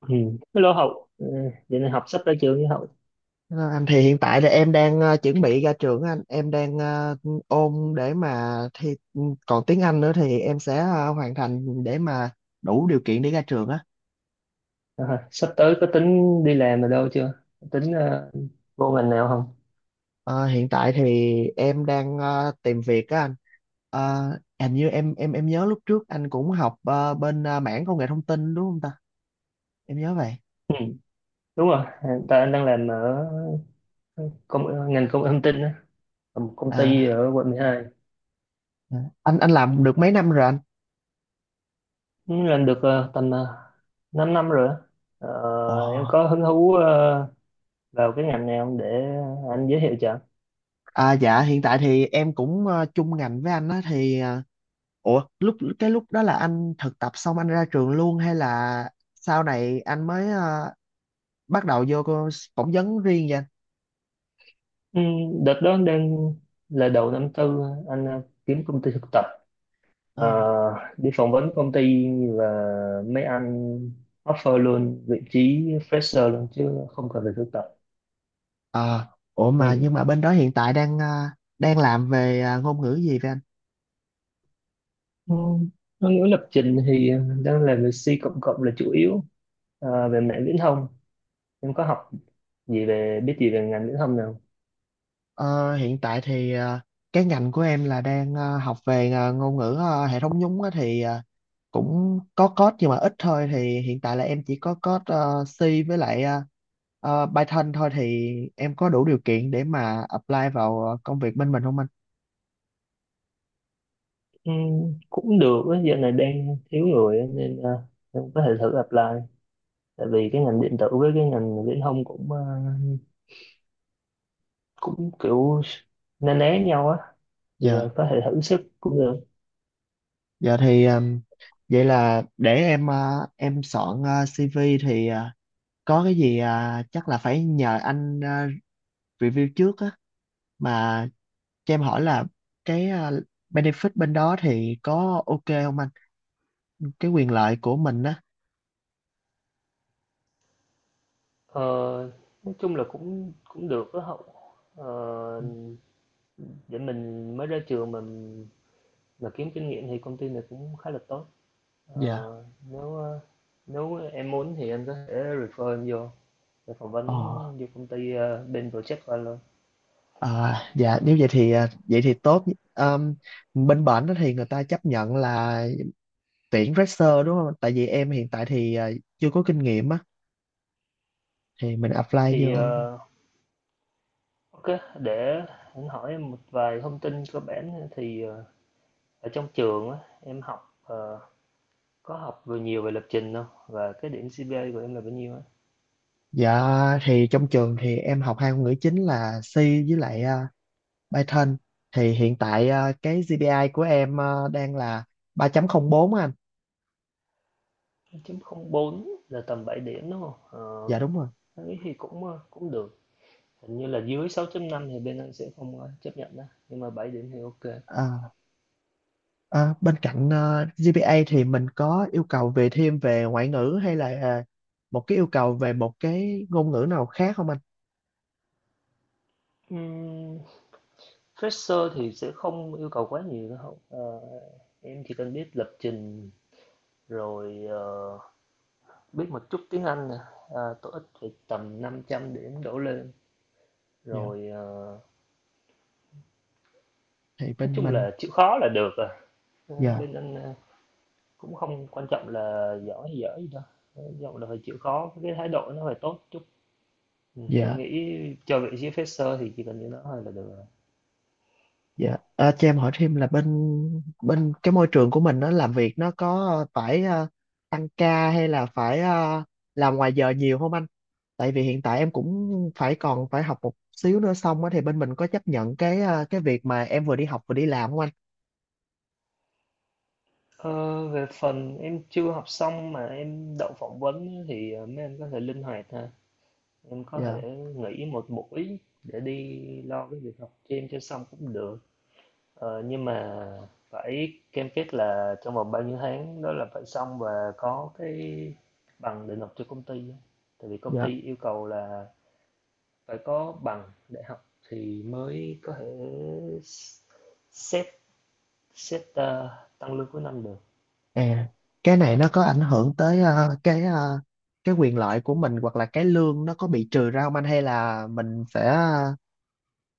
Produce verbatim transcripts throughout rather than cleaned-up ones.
Ừ. Hello Hậu, ừ. vậy này học sắp tới trường với Hậu. Ờ, Anh thì hiện tại là em đang ờ, chuẩn bị ra trường á anh, em đang ờ, ôn để mà thi, ừ, còn tiếng Anh nữa thì em sẽ ờ, hoàn thành để mà đủ điều kiện để ra trường á. À, sắp tới có tính đi làm ở đâu chưa? Tính ờ, vô ngành nào không? Ờ, Hiện tại thì em đang ờ, tìm việc á anh. Ờ, Hình như em em em nhớ lúc trước anh cũng học ờ, bên ờ, mảng công nghệ thông tin đúng không ta, em nhớ vậy. Ừ. Đúng rồi, à, tại anh đang làm ở công, ngành công nghệ thông tin á, ở một công ty à, ở quận mười hai. à. anh anh làm được mấy năm rồi anh? Ừ, làm được ờ, tầm uh, 5 năm rồi á. Ờ, em Ồ. có hứng thú ờ, vào cái ngành này không để anh giới thiệu cho. À dạ, hiện tại thì em cũng ờ, chung ngành với anh á thì ờ, ủa, lúc cái lúc đó là anh thực tập xong anh ra trường luôn hay là sau này anh mới ờ, bắt đầu vô cô- phỏng vấn riêng vậy anh? Ừ, đợt đó đang là đầu năm tư anh ờ, kiếm công ty thực tập. Ờ, Ờ. Đi phỏng vấn công ty và mấy anh offer luôn vị trí fresher luôn chứ không cần phải thực tập. Ờ, ủa mà Ừ. nhưng mà bên đó hiện tại đang ờ, đang làm về ờ, ngôn ngữ gì vậy anh? Ừ, có nghĩa lập trình thì đang làm về C cộng cộng là chủ yếu. Ờ, về mạng viễn thông em có học gì về biết gì về ngành viễn thông nào. Ờ, hiện tại thì ờ, cái ngành của em là đang ờ, học về ờ, ngôn ngữ ờ, hệ thống nhúng á, thì ờ, cũng có code nhưng mà ít thôi, thì hiện tại là em chỉ có code ờ, C với lại ờ, ờ, Python thôi, thì em có đủ điều kiện để mà apply vào ờ, công việc bên mình không anh? Ừ, cũng được á, giờ này đang thiếu người á, nên ờ, em có thể thử apply, tại vì cái ngành điện tử với cái ngành viễn thông cũng ờ, cũng kiểu na ná nhau á, thì Dạ, ờ, có thể thử sức cũng được. dạ thì, um, vậy là để em, uh, em soạn, uh, xê vê thì, uh, có cái gì, uh, chắc là phải nhờ anh, uh, review trước á, mà cho em hỏi là cái, uh, benefit bên đó thì có ok không anh? Cái quyền lợi của mình á. Ờ, nói chung là cũng cũng được đó Hậu, ờ, để mình mới ra trường mình mà kiếm kinh nghiệm thì công ty này cũng khá là tốt. ờ, Dạ. nếu ờ, Nếu em muốn thì em có thể refer em vô để phỏng vấn Ờ. vô công ty, ờ, bên project của anh luôn. À, dạ nếu vậy thì, uh, vậy thì tốt. Um, Bên bển đó thì người ta chấp nhận là tuyển fresher đúng không? Tại vì em hiện tại thì uh, chưa có kinh nghiệm á thì mình apply Thì vô. ờ, ok, để anh hỏi em một vài thông tin cơ bản. Thì ờ, ở trong trường á, em học, ờ, có học vừa nhiều về lập trình không, và cái điểm xê pê a của em là bao nhiêu á? Dạ thì trong trường thì em học hai ngôn ngữ chính là C với lại, à, Python. Thì hiện tại à, cái gi pi ai của em à, đang là ba chấm không bốn á anh. chín không bốn là tầm bảy điểm đúng không? Ờ, Dạ đúng rồi. thấy thì cũng ờ, cũng được. Hình như là dưới sáu phẩy năm thì bên anh sẽ không ờ, chấp nhận đó, nhưng mà bảy điểm thì ok. À, à, bên cạnh à, giê pê a thì mình có yêu cầu về thêm về ngoại ngữ hay là à, một cái yêu cầu về một cái ngôn ngữ nào khác không anh? Ừm, fresher thì sẽ không yêu cầu quá nhiều đâu. Ờ, em chỉ cần biết lập trình rồi ờ, biết một chút tiếng Anh nè, à, TOEIC phải tầm năm trăm điểm đổ lên, Dạ rồi ờ, thì nói bên chung mình. là chịu khó là được à. Ờ, Dạ, bên anh ờ, Cũng không quan trọng là giỏi hay dở gì đâu, quan trọng là phải chịu khó, cái thái độ nó phải tốt chút. Thì em dạ. nghĩ chờ vị trí fresher thì chỉ cần như đó thôi là được rồi. Dạ, à, cho em hỏi thêm là bên bên cái môi trường của mình nó làm việc nó có phải ờ, tăng ca hay là phải ờ, làm ngoài giờ nhiều không anh? Tại vì hiện tại em cũng phải còn phải học một xíu nữa xong á, thì bên mình có chấp nhận cái ờ, cái việc mà em vừa đi học vừa đi làm không anh? Ờ, về phần em chưa học xong mà em đậu phỏng vấn á, thì ờ, mấy anh có thể linh hoạt ha. Em có Dạ, thể nghỉ một buổi để đi lo cái việc học cho em cho xong cũng được. Ờ, nhưng mà phải cam kết là trong vòng bao nhiêu tháng đó là phải xong và có cái bằng để nộp cho công ty á. Tại vì công dạ. ty yêu cầu là phải có bằng đại học thì mới có thể xét xét ờ, tăng lương cuối năm được. À, cái này nó có ảnh hưởng tới ờ, cái ờ, cái quyền lợi của mình hoặc là cái lương nó có bị trừ ra không anh, hay là mình sẽ ờ,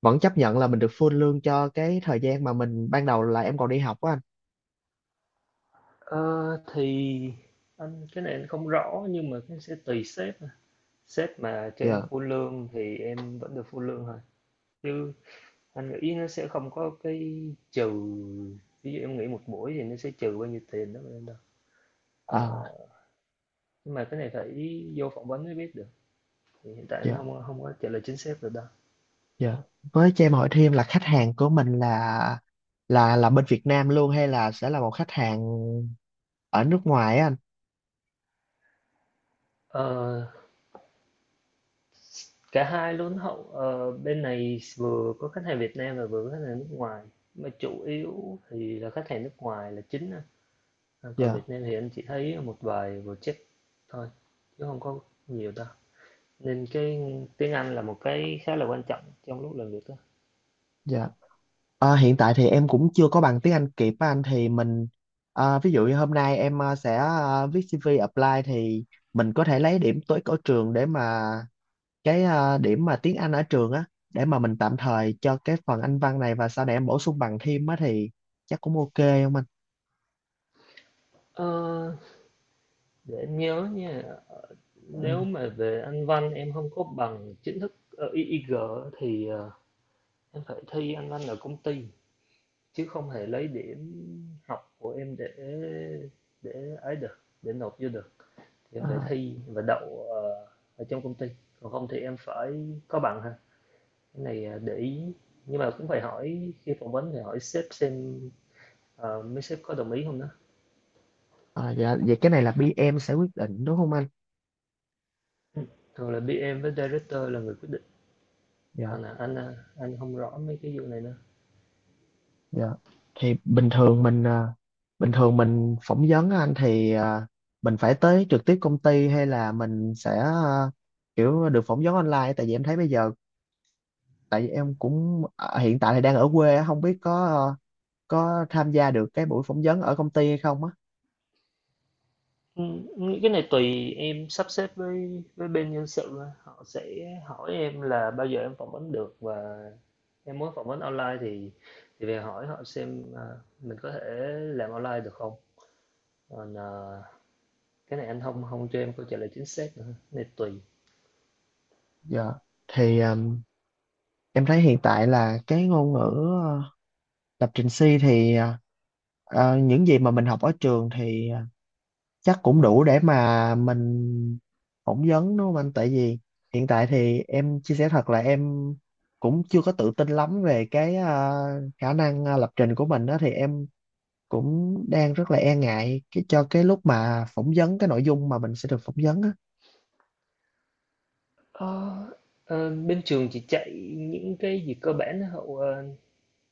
vẫn chấp nhận là mình được full lương cho cái thời gian mà mình ban đầu là em còn đi học á anh? Ờ, thì anh cái này anh không rõ, nhưng mà cái sẽ tùy sếp à. Sếp mà cho em Dạ, full lương thì em vẫn được full lương thôi, chứ anh nghĩ nó sẽ không có cái trừ ví dụ em nghỉ một buổi thì nó sẽ trừ bao nhiêu tiền đó mà đâu. Ờ, à, nhưng mà cái này phải vô phỏng vấn mới biết được, thì hiện tại anh dạ, không không có trả lời chính xác được đâu. dạ. Với cho em hỏi thêm là khách hàng của mình là là là bên Việt Nam luôn hay là sẽ là một khách hàng ở nước ngoài á anh? Ờ, cả hai luôn Hậu, ờ, bên này vừa có khách hàng Việt Nam và vừa có khách hàng nước ngoài, mà chủ yếu thì là khách hàng nước ngoài là chính á. À, còn Dạ, Việt Nam thì anh chỉ thấy một vài project thôi chứ không có nhiều đâu, nên cái tiếng Anh là một cái khá là quan trọng trong lúc làm việc đó. dạ. À, hiện tại thì em cũng chưa có bằng tiếng Anh kịp á anh, thì mình, à, ví dụ như hôm nay em à, sẽ à, viết xi vi apply thì mình có thể lấy điểm tối ở trường để mà cái, à, điểm mà tiếng Anh ở trường á, để mà mình tạm thời cho cái phần Anh văn này, và sau này em bổ sung bằng thêm á, thì chắc cũng ok không anh? Ờ, để em nhớ nha, Ừ. nếu mà về Anh văn em không có bằng chính thức ờ, i i giê thì ờ, em phải thi Anh văn ở công ty chứ không thể lấy điểm học của em để để ấy được, để nộp vô được. Thì em phải À. thi và đậu ờ, ở trong công ty, còn không thì em phải có bằng ha. Cái này à, để ý, nhưng mà cũng phải hỏi khi phỏng vấn, thì hỏi sếp xem ờ, mấy sếp có đồng ý không đó. À, dạ, vậy cái này là bê em sẽ quyết định đúng không anh? Thường là bê em với director là người quyết định, Dạ, còn là anh à, anh không rõ mấy cái vụ này nữa. dạ. Thì bình thường mình à, bình thường mình phỏng vấn á anh, thì à, mình phải tới trực tiếp công ty hay là mình sẽ, à, kiểu được phỏng vấn online, tại vì em thấy bây giờ, tại vì em cũng, à, hiện tại thì đang ở quê á, không biết có, à, có tham gia được cái buổi phỏng vấn ở công ty hay không á. Ừ, nghĩ cái này tùy em sắp xếp với với bên nhân sự thôi. Họ sẽ hỏi em là bao giờ em phỏng vấn được, và em muốn phỏng vấn online thì thì về hỏi họ xem à, mình có thể làm online được không. Còn à, cái này anh không không cho em câu trả lời chính xác nữa. Cái này tùy. Dạ. Thì à, em thấy hiện tại là cái ngôn ngữ à, lập trình C thì, à, Ờ, những gì mà mình học ở trường thì ờ, chắc cũng đủ để mà mình phỏng vấn đúng không anh, tại vì hiện tại thì em chia sẻ thật là em cũng chưa có tự tin lắm về cái, à, khả năng à, lập trình của mình đó, thì em cũng đang rất là e ngại cái cho cái lúc mà phỏng vấn, cái nội dung mà mình sẽ được phỏng vấn á. Ờ, ờ, Bên trường chỉ chạy những cái gì cơ bản đó Hậu, ờ,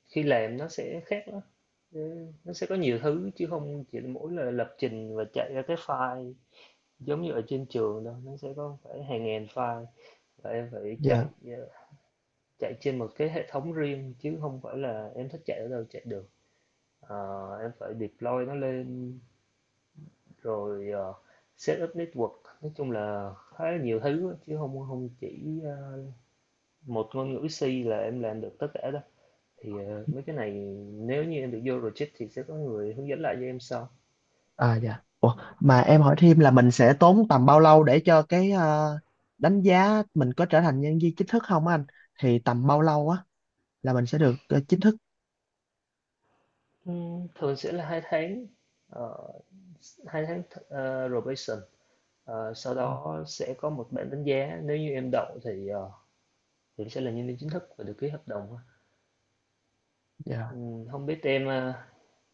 khi làm nó sẽ khác đó. Ừ, nó sẽ có nhiều thứ chứ không chỉ mỗi là lập trình và chạy ra cái file giống như ở trên trường đâu. Nó sẽ có phải hàng ngàn file, và em phải chạy Dạ. ờ, chạy trên một cái hệ thống riêng chứ không phải là em thích chạy ở đâu chạy được. Ờ, em phải deploy nó lên rồi ờ, set up network, nói chung là khá là nhiều thứ chứ không không chỉ ờ, một ngôn ngữ C là em làm được tất cả đâu. Thì ờ, mấy cái này nếu như em được vô project thì sẽ có người hướng dẫn lại cho em sau. À dạ. Ủa, mà em hỏi thêm là mình sẽ tốn tầm bao lâu để cho cái, à, đánh giá mình có trở thành nhân viên chính thức không á anh, thì tầm bao lâu á là mình sẽ được ờ, chính thức. Ừm, Thường sẽ là hai tháng. Ờ, hai tháng th- ờ, probation. Ờ, sau Ờ, đó sẽ có một bản đánh giá, nếu như em đậu thì ờ, thì sẽ là nhân viên chính thức và được ký hợp đồng. dạ, Ừm, không biết em ờ,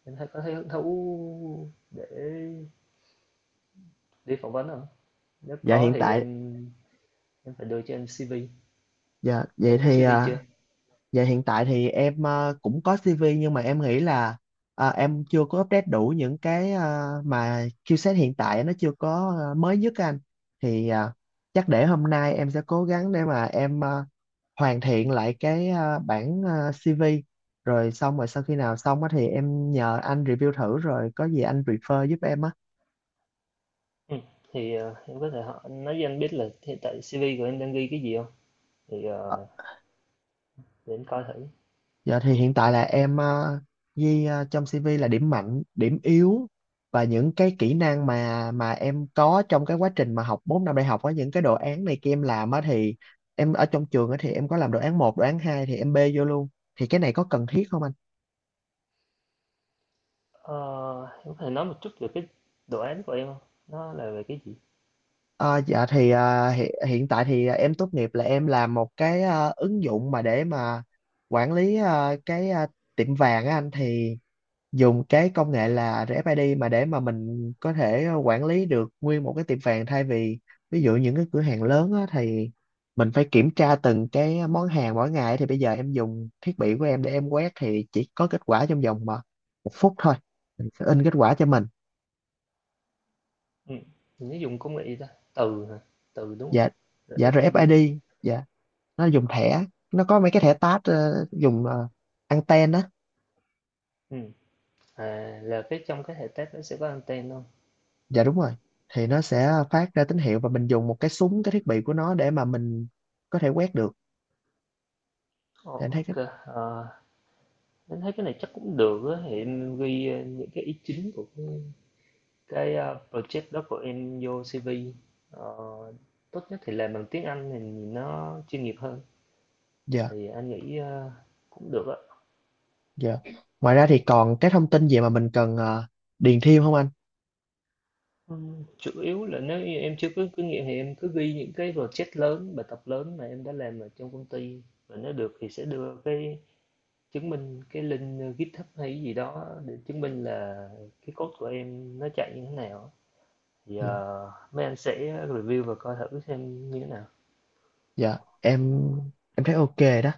em thấy có thấy hứng thú để đi phỏng vấn không? Nếu dạ có hiện thì tại. em em phải đưa cho em xê vê. Dạ, Tại vậy em có thì, xê vê chưa? à, dạ hiện tại thì em à, cũng có xê vê, nhưng mà em nghĩ là à, em chưa có update đủ những cái, à, mà skill set hiện tại nó chưa có à, mới nhất á anh. Thì, à, chắc để hôm nay em sẽ cố gắng để mà em, à, hoàn thiện lại cái, à, bản, à, xê vê, rồi xong rồi sau khi nào xong á thì em nhờ anh review thử, rồi có gì anh refer giúp em á. Ừ. Thì ờ, em có thể hỏi nói cho anh biết là hiện tại si vi của em đang ghi cái gì không? Thì ờ, để anh coi thử. Dạ thì hiện tại là em ờ, ghi ờ, trong xê vê là điểm mạnh, điểm yếu và những cái kỹ năng mà mà em có trong cái quá trình mà học bốn năm đại học, có những cái đồ án này kia em làm á, thì em ở trong trường á thì em có làm đồ án một, đồ án hai thì em bê vô luôn. Thì cái này có cần thiết không anh? Ờ, em có thể nói một chút về cái đồ án của em không, nó là về cái gì? Ờ, dạ thì, ờ, hiện, hiện tại thì ờ, em tốt nghiệp là em làm một cái ờ, ứng dụng mà để mà quản lý ờ, cái ờ, tiệm vàng á anh, thì dùng cái công nghệ là rờ ép i đê mà để mà mình có thể quản lý được nguyên một cái tiệm vàng, thay vì ví dụ những cái cửa hàng lớn á, thì mình phải kiểm tra từng cái món hàng mỗi ngày, thì bây giờ em dùng thiết bị của em để em quét thì chỉ có kết quả trong vòng mà một phút thôi, mình sẽ in kết quả cho mình. Ừm, mình dùng công nghệ gì ta? Từ hả? Từ, đúng hông? Dạ, dạ, a rờ ép i đê. rờ ép i đê, dạ, nó dùng thẻ, nó có mấy cái thẻ tát ờ, dùng ờ, anten á. Ừm, à, là cái trong cái hệ test nó sẽ có anten luôn. Dạ đúng rồi, thì nó sẽ phát ra tín hiệu và mình dùng một cái súng, cái thiết bị của nó, để mà mình có thể quét được Ồ, để anh thấy ok. cái. ờ, mình thấy cái này chắc cũng được á, thì em ghi, ơ, những cái ý chính của cái cái, a, project đó của em vô xê vê. Ờ, tốt nhất thì làm bằng tiếng Anh thì nhìn nó chuyên nghiệp hơn, giờ thì anh nghĩ, ơ, cũng được á. giờ ngoài ra thì còn cái thông tin gì mà mình cần ờ, điền thêm không anh? Ừ, chủ yếu là nếu như em chưa có kinh nghiệm thì em cứ ghi những cái project lớn, bài tập lớn mà em đã làm ở trong công ty. Và nếu được thì sẽ đưa cái chứng minh cái link ờ, GitHub hay cái gì đó để chứng minh là cái code của em nó chạy như thế nào. Thì Dạ, ờ, mấy anh sẽ review và coi thử xem như thế nào. dạ, em em thấy ok đó,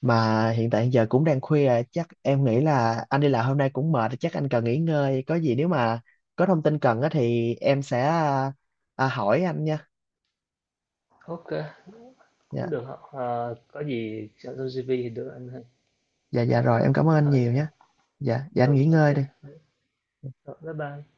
mà hiện tại giờ cũng đang khuya, chắc em nghĩ là anh đi làm hôm nay cũng mệt, chắc anh cần nghỉ ngơi. Có gì nếu mà có thông tin cần á thì em sẽ, à, à, hỏi anh nha. Ok, cũng Dạ, được. Ờ, có gì soạn trong si vi thì đưa anh thôi. dạ, dạ, Ờ, rồi em cảm ơn anh thôi, nhiều ờ, nha. Dạ, dạ, anh ừ, nghỉ ngơi ok. đi. Rồi, bye bye.